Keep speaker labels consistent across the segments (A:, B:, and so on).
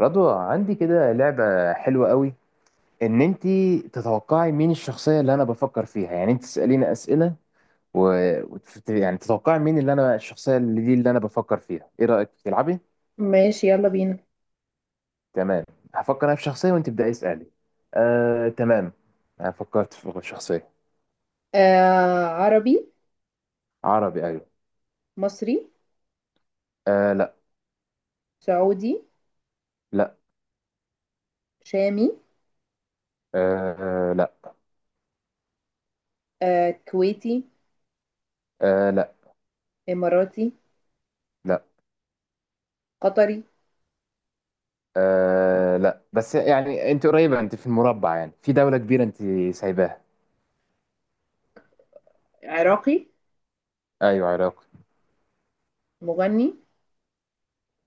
A: رضوى، عندي كده لعبة حلوة قوي ان انتي تتوقعي مين الشخصية اللي انا بفكر فيها. يعني انت تسأليني اسئلة و... يعني تتوقعي مين اللي انا الشخصية اللي دي اللي انا بفكر فيها. ايه رأيك تلعبي؟
B: ماشي، يلا بينا.
A: تمام. هفكر انا في شخصية وانت ابدأي اسألي. تمام. انا فكرت في شخصية.
B: آه، عربي.
A: عربي، ايوه.
B: مصري.
A: لا.
B: سعودي.
A: لا.
B: شامي.
A: لا.
B: آه كويتي.
A: لا.
B: إماراتي.
A: لا.
B: قطري.
A: لا، بس يعني انت قريبة، انت في المربع، يعني في دولة كبيرة انت سايباها.
B: عراقي.
A: ايوه، عراقي.
B: مغني.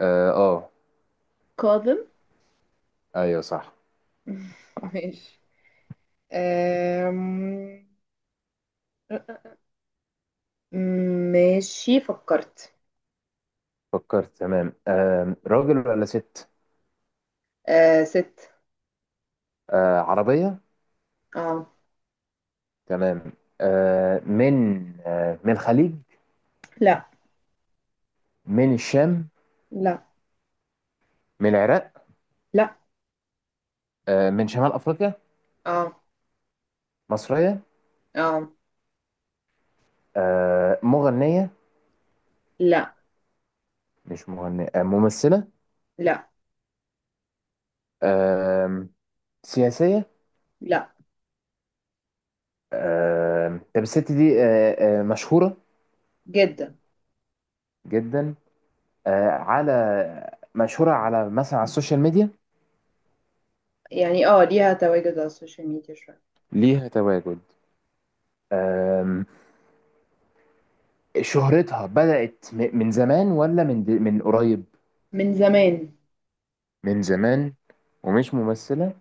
A: اه آه.
B: كاظم.
A: ايوه صح.
B: ماشي. آم، ماشي فكرت.
A: فكرت تمام. راجل ولا ست؟
B: آه ست.
A: عربية.
B: اه.
A: تمام. آه من من الخليج؟
B: لا.
A: من الشام؟
B: لا.
A: من العراق؟
B: لا.
A: من شمال أفريقيا؟
B: اه.
A: مصرية؟
B: اه.
A: مغنية؟
B: لا.
A: مش مغنية. ممثلة؟
B: لا.
A: آه سياسية؟
B: لا.
A: طب الست دي مشهورة؟
B: جدا.
A: جدا. آه على مشهورة على مثلا على السوشيال ميديا؟
B: يعني اه، ليها تواجد على السوشيال ميديا شوية.
A: ليها تواجد. آه شهرتها بدأت من زمان ولا من قريب؟
B: من زمان.
A: من زمان. ومش ممثلة.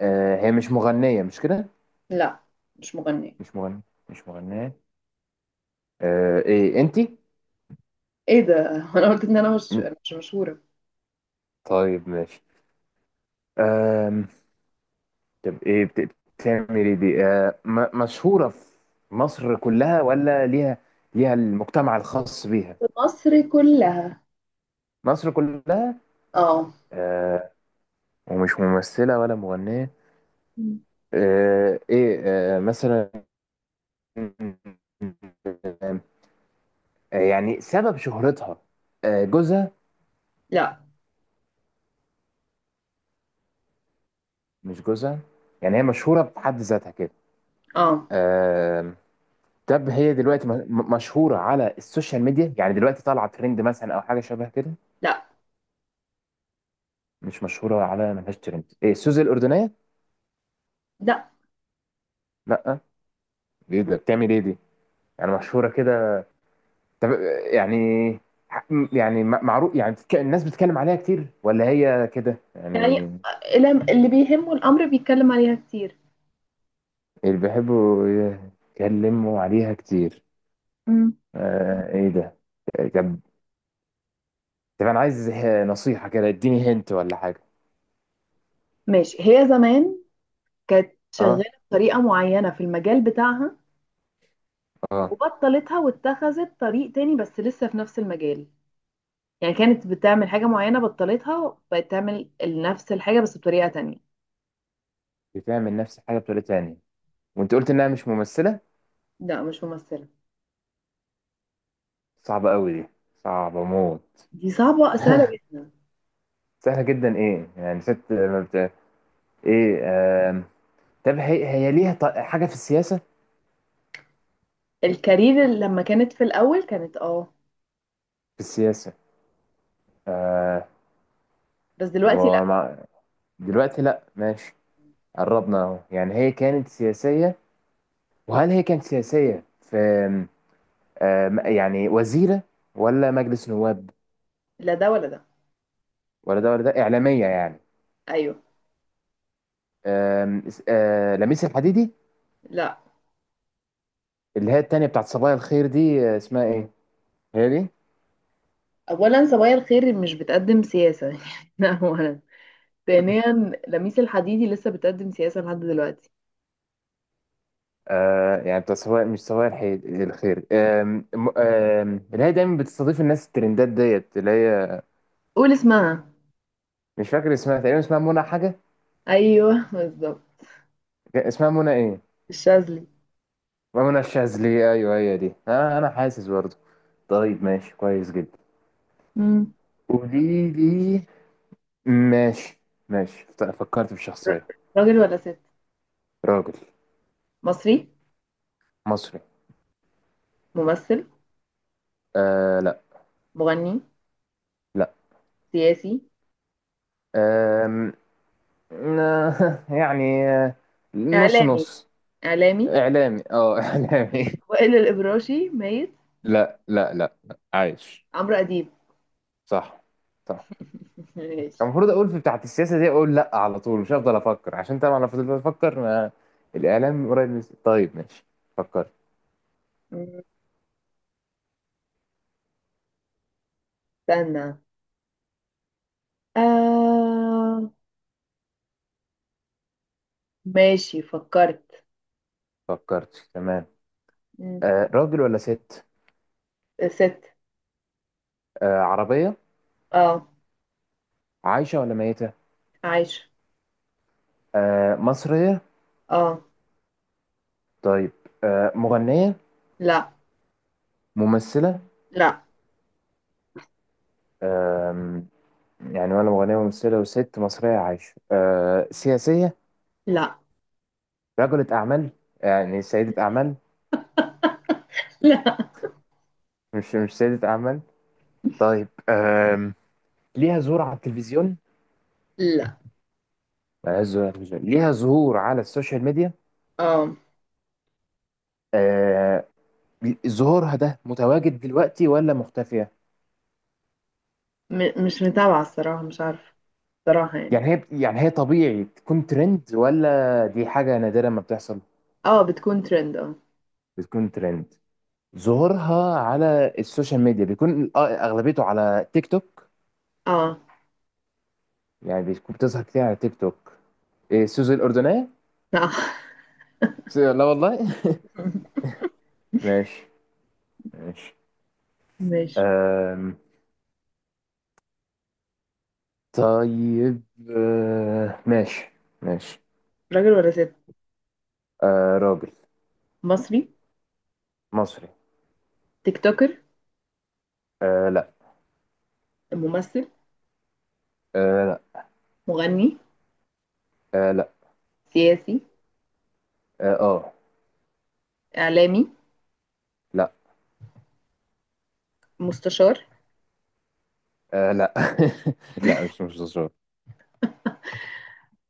A: هي مش مغنية؟ مش كده؟
B: لا، مش مغنية.
A: مش مغنية. مش مغنية. ايه انتي؟
B: ايه ده؟ انا قلت ان انا مش
A: م-
B: مش مشهورة
A: طيب ماشي. آم، طب ايه بتعمل ايه دي؟ مشهورة في مصر كلها ولا ليها المجتمع الخاص بيها؟
B: في مصر كلها.
A: مصر كلها.
B: اه.
A: آه ومش ممثلة ولا مغنية.
B: مم.
A: ايه؟ مثلا، يعني سبب شهرتها، جوزها.
B: لا.
A: مش جوزها. يعني هي مشهورة بحد ذاتها كده.
B: اه.
A: آه، طب هي دلوقتي مشهورة على السوشيال ميديا؟ يعني دلوقتي طالعة ترند مثلا أو حاجة شبه كده؟
B: لا.
A: مش مشهورة على، ملهاش ترند. إيه، سوزي الأردنية؟
B: لا.
A: لأ. دي بتعمل إيه دي؟ يعني مشهورة كده. طب، يعني ح- يعني معروف، يعني الناس بتتكلم عليها كتير ولا هي كده
B: يعني
A: يعني؟
B: اللي بيهمه الامر بيتكلم عليها كتير.
A: اللي بيحبوا يتكلموا عليها كتير.
B: مم.
A: إيه ده؟ طب، انا عايز نصيحة كده، اديني هنت ولا حاجة.
B: ماشي، هي زمان كانت شغالة
A: اه.
B: بطريقة معينة في المجال بتاعها،
A: اه.
B: وبطلتها واتخذت طريق تاني بس لسه في نفس المجال. يعني كانت بتعمل حاجة معينة، بطلتها، بقت تعمل نفس الحاجة بس بطريقة تانية.
A: بتعمل نفس الحاجة بطريقة تانية. وانت قلت انها مش ممثلة.
B: لا مش ممثلة.
A: صعبة قوي دي. صعبة موت.
B: دي صعبة سهلة جدا.
A: سهلة جدا؟ ايه يعني، ست ما بت... ايه؟ آم... طب هي ليها حاجة في السياسة؟
B: الكارير اللي لما كانت في الاول كانت اه،
A: في السياسة. آه...
B: بس دلوقتي لا.
A: هو مع... دلوقتي لا، ماشي. قربنا اهو. يعني هي كانت سياسية. وهل هي كانت سياسية في، آم... آم، يعني وزيرة ولا مجلس نواب؟
B: لا ده ولا ده.
A: ولا ده ولا ده؟ إعلامية يعني؟
B: ايوه.
A: آم، اس- آه، لميس الحديدي؟
B: لا،
A: اللي هي التانية بتاعت صبايا الخير دي، اسمها ايه؟ هي دي؟
B: اولا صبايا الخير مش بتقدم سياسه، ده اولا. ثانيا، لميس الحديدي لسه بتقدم سياسه لحد دلوقتي.
A: يعني بتاعت صبايا، مش صبايا الخير، آم، م- آم، اللي هي دايما بتستضيف الناس الترندات ديت اللي هي.
B: قول اسمها.
A: مش فاكر اسمها. تقريبا اسمها منى حاجة.
B: ايوه بالظبط.
A: اسمها منى ايه؟
B: الشاذلي.
A: منى الشاذلي، ايوه هي دي. انا حاسس برضه. طيب ماشي، كويس جدا.
B: مم.
A: قولي لي. ماشي. ماشي فكرت في شخصية.
B: ر- راجل ولا ست؟
A: راجل.
B: مصري.
A: مصري.
B: ممثل.
A: لا.
B: مغني. سياسي.
A: لا. يعني نص
B: اعلامي.
A: نص.
B: اعلامي.
A: اعلامي. اه اعلامي.
B: وائل الابراشي ميت.
A: لا لا لا لا. عايش.
B: عمرو اديب.
A: صح. صح. كان
B: ماشي.
A: المفروض اقول في بتاعت السياسه دي اقول لا على طول. مش هفضل افكر عشان طبعا لو فضلت افكر، ما الاعلام قريب من. طيب ماشي. فكرت.
B: مم. استنى. آه... ماشي فكرت.
A: فكرت تمام.
B: م.
A: راجل ولا ست؟
B: ست.
A: عربيه؟
B: اه.
A: عايشه ولا ميته؟
B: عايشة.
A: مصريه؟
B: اه.
A: طيب. مغنيه؟
B: لا.
A: ممثله؟
B: لا.
A: آه يعني ولا مغنية وممثلة، وست مصرية عايشة. سياسية؟
B: لا.
A: رجلة أعمال، يعني سيدة أعمال؟
B: لا.
A: مش سيدة أعمال. طيب. ليها ظهور على التلفزيون؟
B: لا.
A: ظهور على التلفزيون، ليها ظهور على السوشيال ميديا.
B: اه.
A: آه ظهورها ده متواجد دلوقتي ولا مختفية؟
B: م، مش متابعة الصراحة، مش عارفة الصراحة يعني.
A: يعني هي طبيعي تكون ترند ولا دي حاجة نادرة ما بتحصل؟
B: اه، بتكون ترند اه.
A: بتكون ترند. ظهورها على السوشيال ميديا بيكون، أغلبيته على تيك توك.
B: اه.
A: يعني بتكون بتظهر كتير على تيك توك. إيه، سوزو الأردنية؟
B: لا.
A: سوزو- لا والله. ماشي. ماشي.
B: ماشي.
A: أم... طيب. ماشي. ماشي.
B: راجل ولا ست؟
A: راجل.
B: مصري.
A: مصري.
B: تيك توكر.
A: لا.
B: ممثل.
A: أه... لا.
B: مغني.
A: لا.
B: سياسي.
A: أه... آه.
B: إعلامي.
A: لا.
B: مستشار.
A: لا. لا. مش مصري.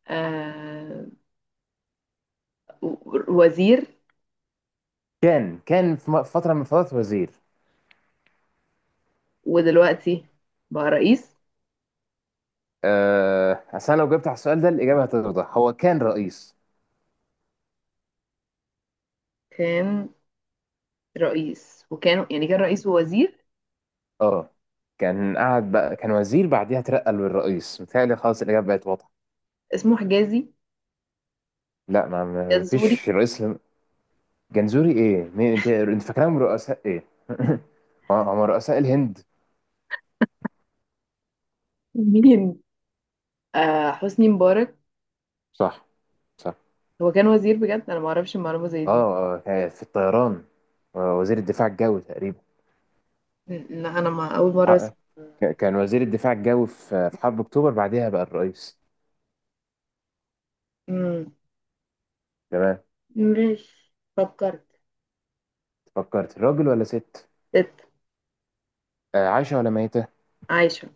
B: آه، وزير.
A: كان في فترة من الفترات وزير.
B: ودلوقتي بقى رئيس.
A: أصل أنا لو جبت على السؤال ده الإجابة هتوضح هو كان رئيس.
B: كان رئيس، وكانوا يعني كان رئيس ووزير.
A: اه. كان قاعد بقى، كان وزير بعديها اترقى للرئيس، متهيألي خلاص الإجابة بقت واضحة.
B: اسمه حجازي.
A: لا.
B: جزوري.
A: مفيش رئيس. جنزوري ايه؟ مين؟ انت فاكرهم رؤساء ايه؟ هم رؤساء الهند.
B: مين؟ آه حسني مبارك.
A: صح. صح.
B: هو كان وزير بجد، انا ما اعرفش المعلومه زي دي.
A: اه، في الطيران. وزير الدفاع الجوي تقريبا.
B: م- لا انا، ما اول مره
A: آه،
B: اسمع.
A: كان وزير الدفاع الجوي في حرب اكتوبر، بعدها بقى الرئيس.
B: مم.
A: تمام.
B: مش فكرت.
A: فكرت. راجل ولا ست؟
B: ست.
A: عايشة ولا ميتة؟
B: عايشه.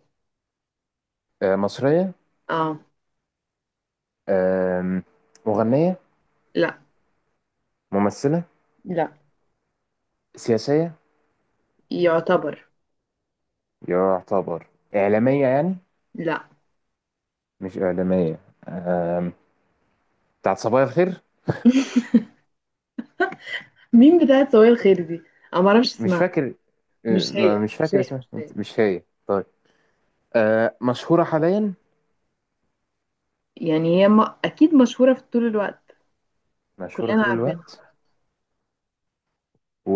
A: مصرية؟
B: اه.
A: آم، مغنية؟
B: لا.
A: ممثلة؟
B: لا.
A: سياسية؟
B: يعتبر.
A: يعتبر. إعلامية يعني؟
B: لا.
A: مش إعلامية. آم، بتاعت صبايا الخير.
B: مين بتاعت سوية الخير دي؟ انا ما اعرفش
A: مش
B: اسمها.
A: فاكر.
B: مش هي
A: مش
B: مش
A: فاكر
B: هي
A: اسمها.
B: مش هي.
A: انت- مش هي؟ طيب. مشهورة حاليا.
B: يعني هي ما... اكيد مشهوره في طول الوقت.
A: مشهورة
B: كلنا
A: طول
B: عارفينها.
A: الوقت. و.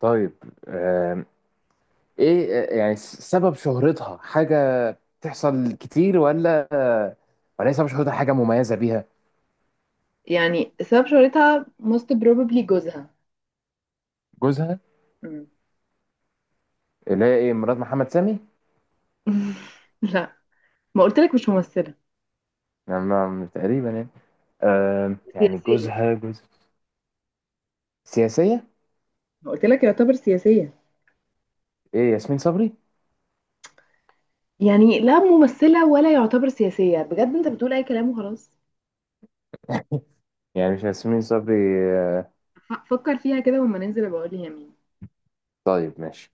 A: طيب. آه ايه؟ يعني سبب شهرتها حاجة بتحصل كتير ولا هي سبب شهرتها حاجة مميزة بيها؟
B: يعني سبب شهرتها most probably جوزها.
A: جوزها. اللي هي ايه، مرات محمد سامي؟
B: لا، ما قلت لك مش ممثلة.
A: نعم، تقريبا يعني. يعني
B: سياسية.
A: جوزها جوز. سياسية.
B: ما قلت لك يعتبر سياسية.
A: ايه، ياسمين صبري؟
B: يعني لا ممثلة ولا يعتبر سياسية، بجد انت بتقول اي كلام وخلاص.
A: يعني مش ياسمين صبري. آه
B: فكر فيها كده وما ننزل بقول لي يا مين.
A: طيب ماشي.